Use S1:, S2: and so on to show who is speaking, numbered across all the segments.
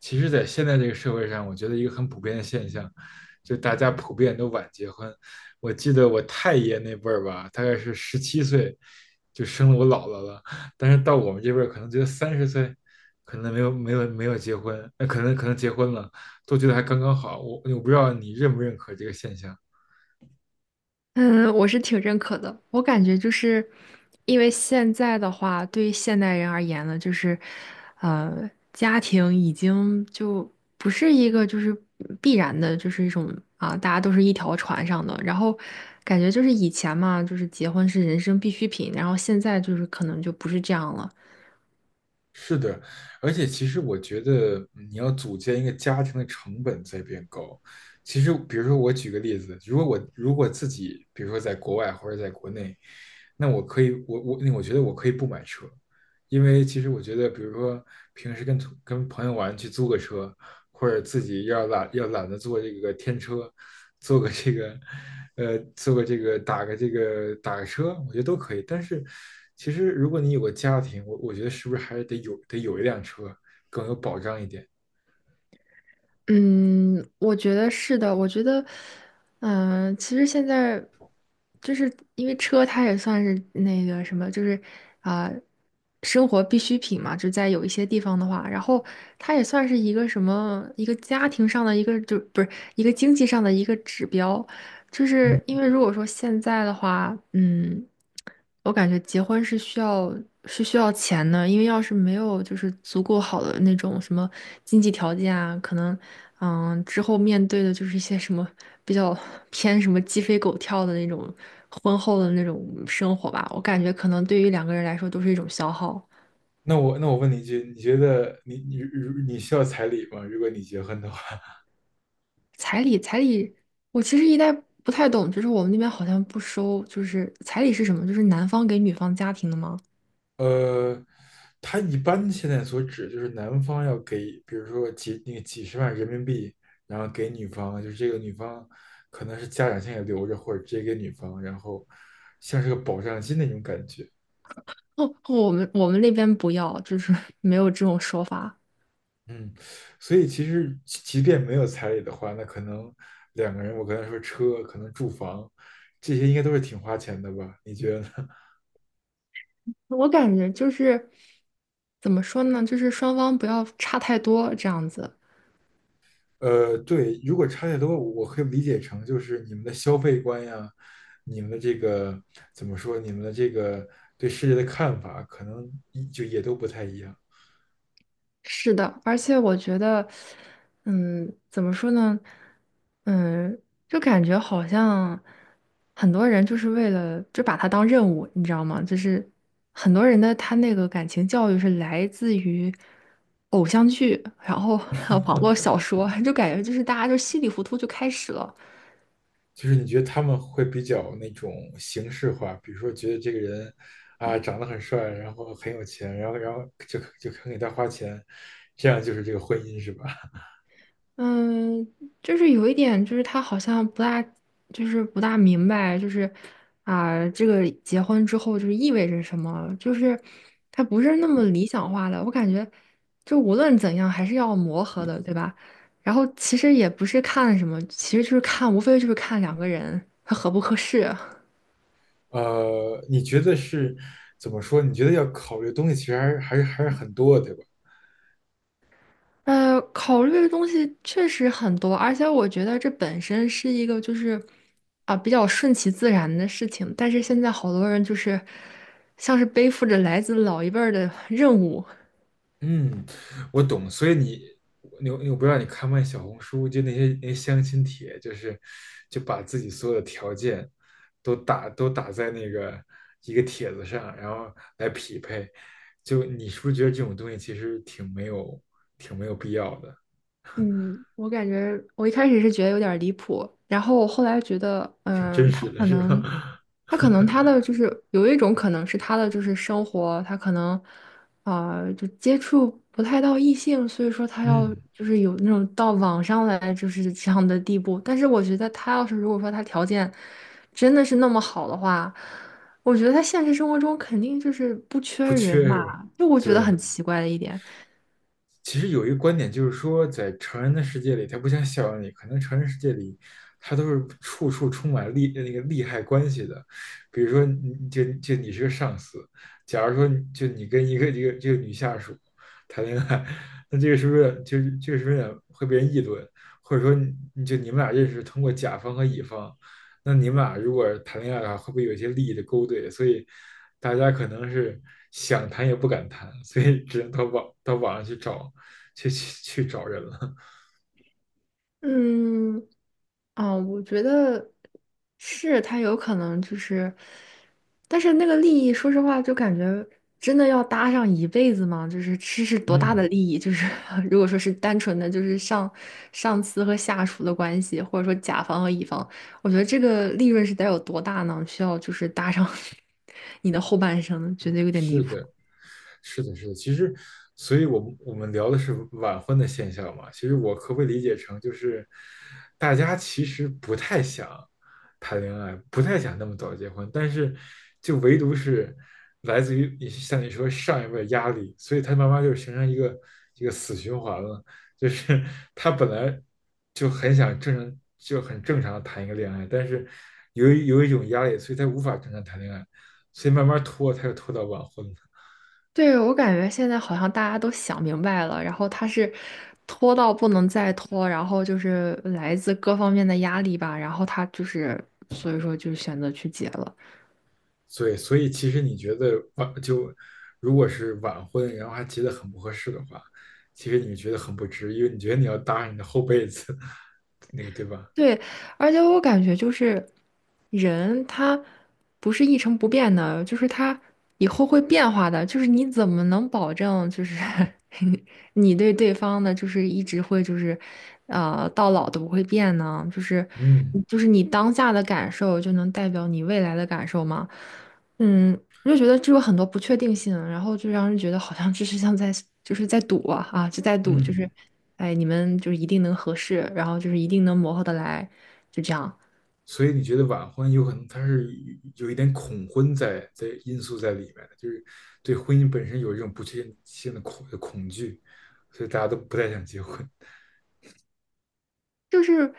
S1: 其实，在现在这个社会上，我觉得一个很普遍的现象，就大家普遍都晚结婚。我记得我太爷那辈儿吧，大概是17岁就生了我姥姥了，但是到我们这辈儿，可能觉得30岁可能没有结婚，那可能结婚了，都觉得还刚刚好。我不知道你认不认可这个现象。
S2: 嗯，我是挺认可的。我感觉就是，因为现在的话，对于现代人而言呢，就是，家庭已经就不是一个就是必然的，就是一种大家都是一条船上的。然后感觉就是以前嘛，就是结婚是人生必需品，然后现在就是可能就不是这样了。
S1: 是的，而且其实我觉得你要组建一个家庭的成本在变高。其实，比如说我举个例子，如果我如果自己，比如说在国外或者在国内，那我可以，我那我觉得我可以不买车，因为其实我觉得，比如说平时跟朋友玩去租个车，或者自己要懒得坐这个天车，坐个这个呃坐个这个打个这个打个车，我觉得都可以。但是其实如果你有个家庭，我觉得是不是还是得有一辆车更有保障一点？
S2: 嗯，我觉得是的。我觉得，嗯、其实现在就是因为车，它也算是那个什么，就是啊、生活必需品嘛。就在有一些地方的话，然后它也算是一个什么，一个家庭上的一个，就不是一个经济上的一个指标。就是因为如果说现在的话，嗯，我感觉结婚是需要钱的，因为要是没有就是足够好的那种什么经济条件啊，可能嗯之后面对的就是一些什么比较偏什么鸡飞狗跳的那种婚后的那种生活吧，我感觉可能对于两个人来说都是一种消耗。
S1: 那我问你一句，你觉得你需要彩礼吗？如果你结婚的话？
S2: 彩礼，彩礼，我其实一代不太懂，就是我们那边好像不收，就是彩礼是什么？就是男方给女方家庭的吗？
S1: 呃，他一般现在所指就是男方要给，比如说几那个几十万人民币，然后给女方，就是这个女方可能是家长现在留着，或者直接给女方，然后像是个保障金那种感觉。
S2: 哦，我们那边不要，就是 没有这种说法。
S1: 嗯，所以其实即便没有彩礼的话，那可能两个人，我刚才说车，可能住房，这些应该都是挺花钱的吧？你觉得呢？
S2: 我感觉就是怎么说呢，就是双方不要差太多这样子。
S1: 呃，对，如果差太多，我可以理解成就是你们的消费观呀，你们的这个怎么说，你们的这个对世界的看法，可能一就也都不太一样。
S2: 是的，而且我觉得，嗯，怎么说呢，嗯，就感觉好像很多人就是为了就把它当任务，你知道吗？就是很多人的他那个感情教育是来自于偶像剧，然后 还有网络小说，就感觉就是大家就稀里糊涂就开始了。
S1: 就是你觉得他们会比较那种形式化，比如说觉得这个人啊长得很帅，然后很有钱，然后就肯给他花钱，这样就是这个婚姻是吧？
S2: 嗯，就是有一点，就是他好像不大，就是不大明白，就是这个结婚之后就是意味着什么，就是他不是那么理想化的。我感觉，就无论怎样还是要磨合的，对吧？然后其实也不是看什么，其实就是看，无非就是看两个人他合不合适。
S1: 呃，你觉得是怎么说？你觉得要考虑的东西其实还是很多的，对吧？
S2: 呃，考虑的东西确实很多，而且我觉得这本身是一个就是啊比较顺其自然的事情。但是现在好多人就是像是背负着来自老一辈儿的任务，
S1: 嗯，我懂，所以你，我不知道你看没看小红书，就那些相亲帖，就是就把自己所有的条件都打在那个一个帖子上，然后来匹配。就你是不是觉得这种东西其实挺没有必要的，
S2: 嗯，我感觉我一开始是觉得有点儿离谱，然后我后来觉得，
S1: 挺真
S2: 嗯，他
S1: 实的，
S2: 可
S1: 是
S2: 能，
S1: 吧？
S2: 他 可能他的就是有一种可能是他的就是生活，他可能就接触不太到异性，所以说他要
S1: 嗯，
S2: 就是有那种到网上来就是这样的地步。但是我觉得他要是如果说他条件真的是那么好的话，我觉得他现实生活中肯定就是不缺
S1: 不
S2: 人
S1: 缺是
S2: 嘛。
S1: 吧？
S2: 就我觉得很
S1: 对。
S2: 奇怪的一点。
S1: 其实有一个观点就是说，在成人的世界里，它不像校园里，可能成人世界里，它都是处处充满利那个利害关系的。比如说你，就你是个上司，假如说就你跟一个这个女下属谈恋爱，那这个是不是就这个是不是有会被人议论？或者说你们俩认识通过甲方和乙方，那你们俩如果谈恋爱的话，会不会有一些利益的勾兑？所以大家可能是想谈也不敢谈，所以只能到网上去找去去去找人了。
S2: 嗯，啊，我觉得是他有可能就是，但是那个利益，说实话，就感觉真的要搭上一辈子吗？就是这是多大的
S1: 嗯，
S2: 利益？就是 如果说是单纯的就是上司和下属的关系，或者说甲方和乙方，我觉得这个利润是得有多大呢？需要就是搭上 你的后半生，觉得有点离
S1: 是
S2: 谱。
S1: 的。是的,其实，所以我们聊的是晚婚的现象嘛。其实我可不可以理解成，就是大家其实不太想谈恋爱，不太想那么早结婚，但是就唯独是来自于你像你说上一辈的压力，所以他慢慢就形成一个死循环了。就是他本来就很想正常，就很正常的谈一个恋爱，但是由于有一种压力，所以他无法正常谈恋爱，所以慢慢拖，他又拖到晚婚了。
S2: 对，我感觉现在好像大家都想明白了，然后他是拖到不能再拖，然后就是来自各方面的压力吧，然后他就是所以说就选择去结了。
S1: 对，所以其实你觉得如果是晚婚，然后还结得很不合适的话，其实你觉得很不值，因为你觉得你要搭上你的后辈子，那个对吧？
S2: 对，而且我感觉就是人他不是一成不变的，就是他以后会变化的。就是你怎么能保证就是 你对对方的，就是一直会就是呃到老都不会变呢？就是
S1: 嗯
S2: 你当下的感受就能代表你未来的感受吗？嗯，我就觉得这有很多不确定性，然后就让人觉得好像就是像在就是在赌啊啊，就在赌，就
S1: 嗯，
S2: 是，哎，你们就是一定能合适，然后就是一定能磨合得来，就这样，
S1: 所以你觉得晚婚有可能它是有一点恐婚在因素在里面的，就是对婚姻本身有一种不确定性的恐惧，所以大家都不太想结婚。
S2: 就是。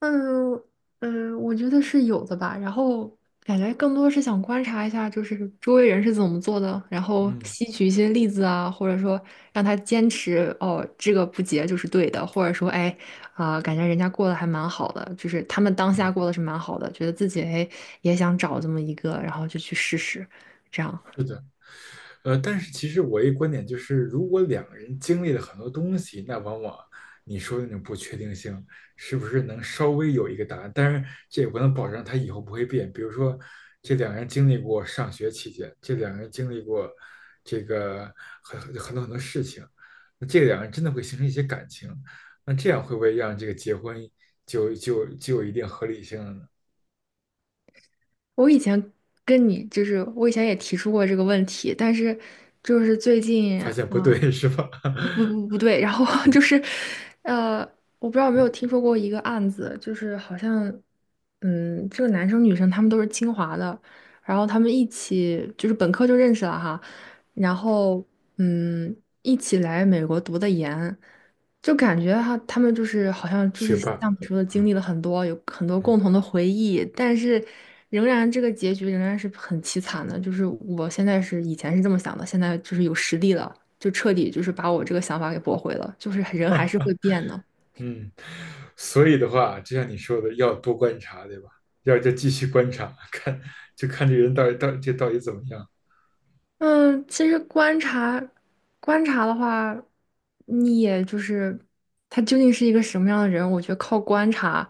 S2: 嗯嗯，呃我觉得是有的吧。然后感觉更多是想观察一下，就是周围人是怎么做的，然后
S1: 嗯，
S2: 吸取一些例子啊，或者说让他坚持哦，这个不结就是对的，或者说哎感觉人家过得还蛮好的，就是他们当下过得是蛮好的，觉得自己哎也想找这么一个，然后就去试试。这样，
S1: 是的。呃，但是其实我一观点就是，如果两个人经历了很多东西，那往往你说的那种不确定性，是不是能稍微有一个答案？当然，这也不能保证他以后不会变。比如说，这两个人经历过上学期间，这两个人经历过这个很多很多事情，那这两个人真的会形成一些感情，那这样会不会让这个结婚就有一定合理性了呢？
S2: 我以前跟你就是我以前也提出过这个问题，但是就是最近。
S1: 发现不对 是吧？
S2: 不对，然后 就是，呃，我不知道有没有听说过一个案子，就是好像，嗯，这个男生女生他们都是清华的，然后他们一起就是本科就认识了哈，然后嗯，一起来美国读的研，就感觉哈，他们就是好像 就
S1: 学
S2: 是
S1: 霸。
S2: 像你说的经历了很多，有很多共同的回忆，但是仍然这个结局仍然是很凄惨的，就是我现在是以前是这么想的，现在就是有实力了。就彻底就是把我这个想法给驳回了，就是人还是会变的。
S1: 嗯，所以的话，就像你说的，要多观察，对吧？要再继续观察，就看这个人到底怎么样，
S2: 嗯，其实观察的话，你也就是他究竟是一个什么样的人，我觉得靠观察，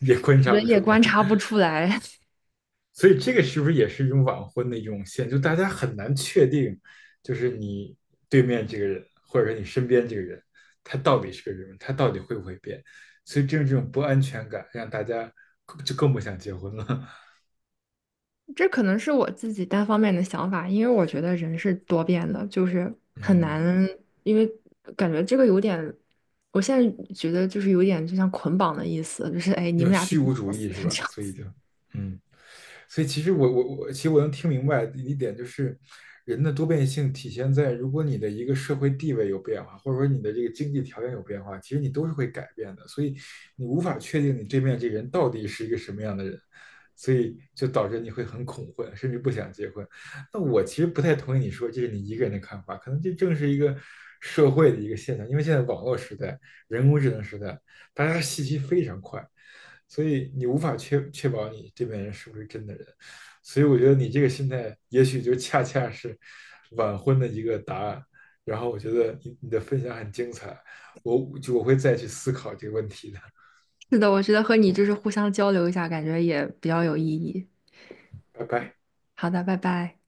S1: 也观察
S2: 人
S1: 不出
S2: 也
S1: 来。
S2: 观察不 出来。
S1: 所以这个是不是也是一种晚婚的一种现象？就大家很难确定，就是你对面这个人，或者说你身边这个人，他到底是个什么？他到底会不会变？所以正是这种不安全感，让大家更不想结婚了。
S2: 这可能是我自己单方面的想法，因为我觉得人是多变的，就是 很
S1: 嗯。
S2: 难，因为感觉这个有点，我现在觉得就是有点就像捆绑的意思，就是哎，你
S1: 有
S2: 们俩必
S1: 虚
S2: 须
S1: 无主
S2: 活死
S1: 义是
S2: 这
S1: 吧？
S2: 样
S1: 所以
S2: 子。
S1: 就，嗯，所以其实我，其实我能听明白一点，就是人的多变性体现在，如果你的一个社会地位有变化，或者说你的这个经济条件有变化，其实你都是会改变的，所以你无法确定你对面这个人到底是一个什么样的人，所以就导致你会很恐婚，甚至不想结婚。那我其实不太同意你说这是你一个人的看法，可能这正是一个社会的一个现象，因为现在网络时代、人工智能时代，大家信息非常快。所以你无法确保你这边人是不是真的人，所以我觉得你这个心态也许就恰恰是晚婚的一个答案。然后我觉得你的分享很精彩，我会再去思考这个问题的。
S2: 是的，我觉得和你就是互相交流一下，感觉也比较有意义。
S1: 拜拜。
S2: 好的，拜拜。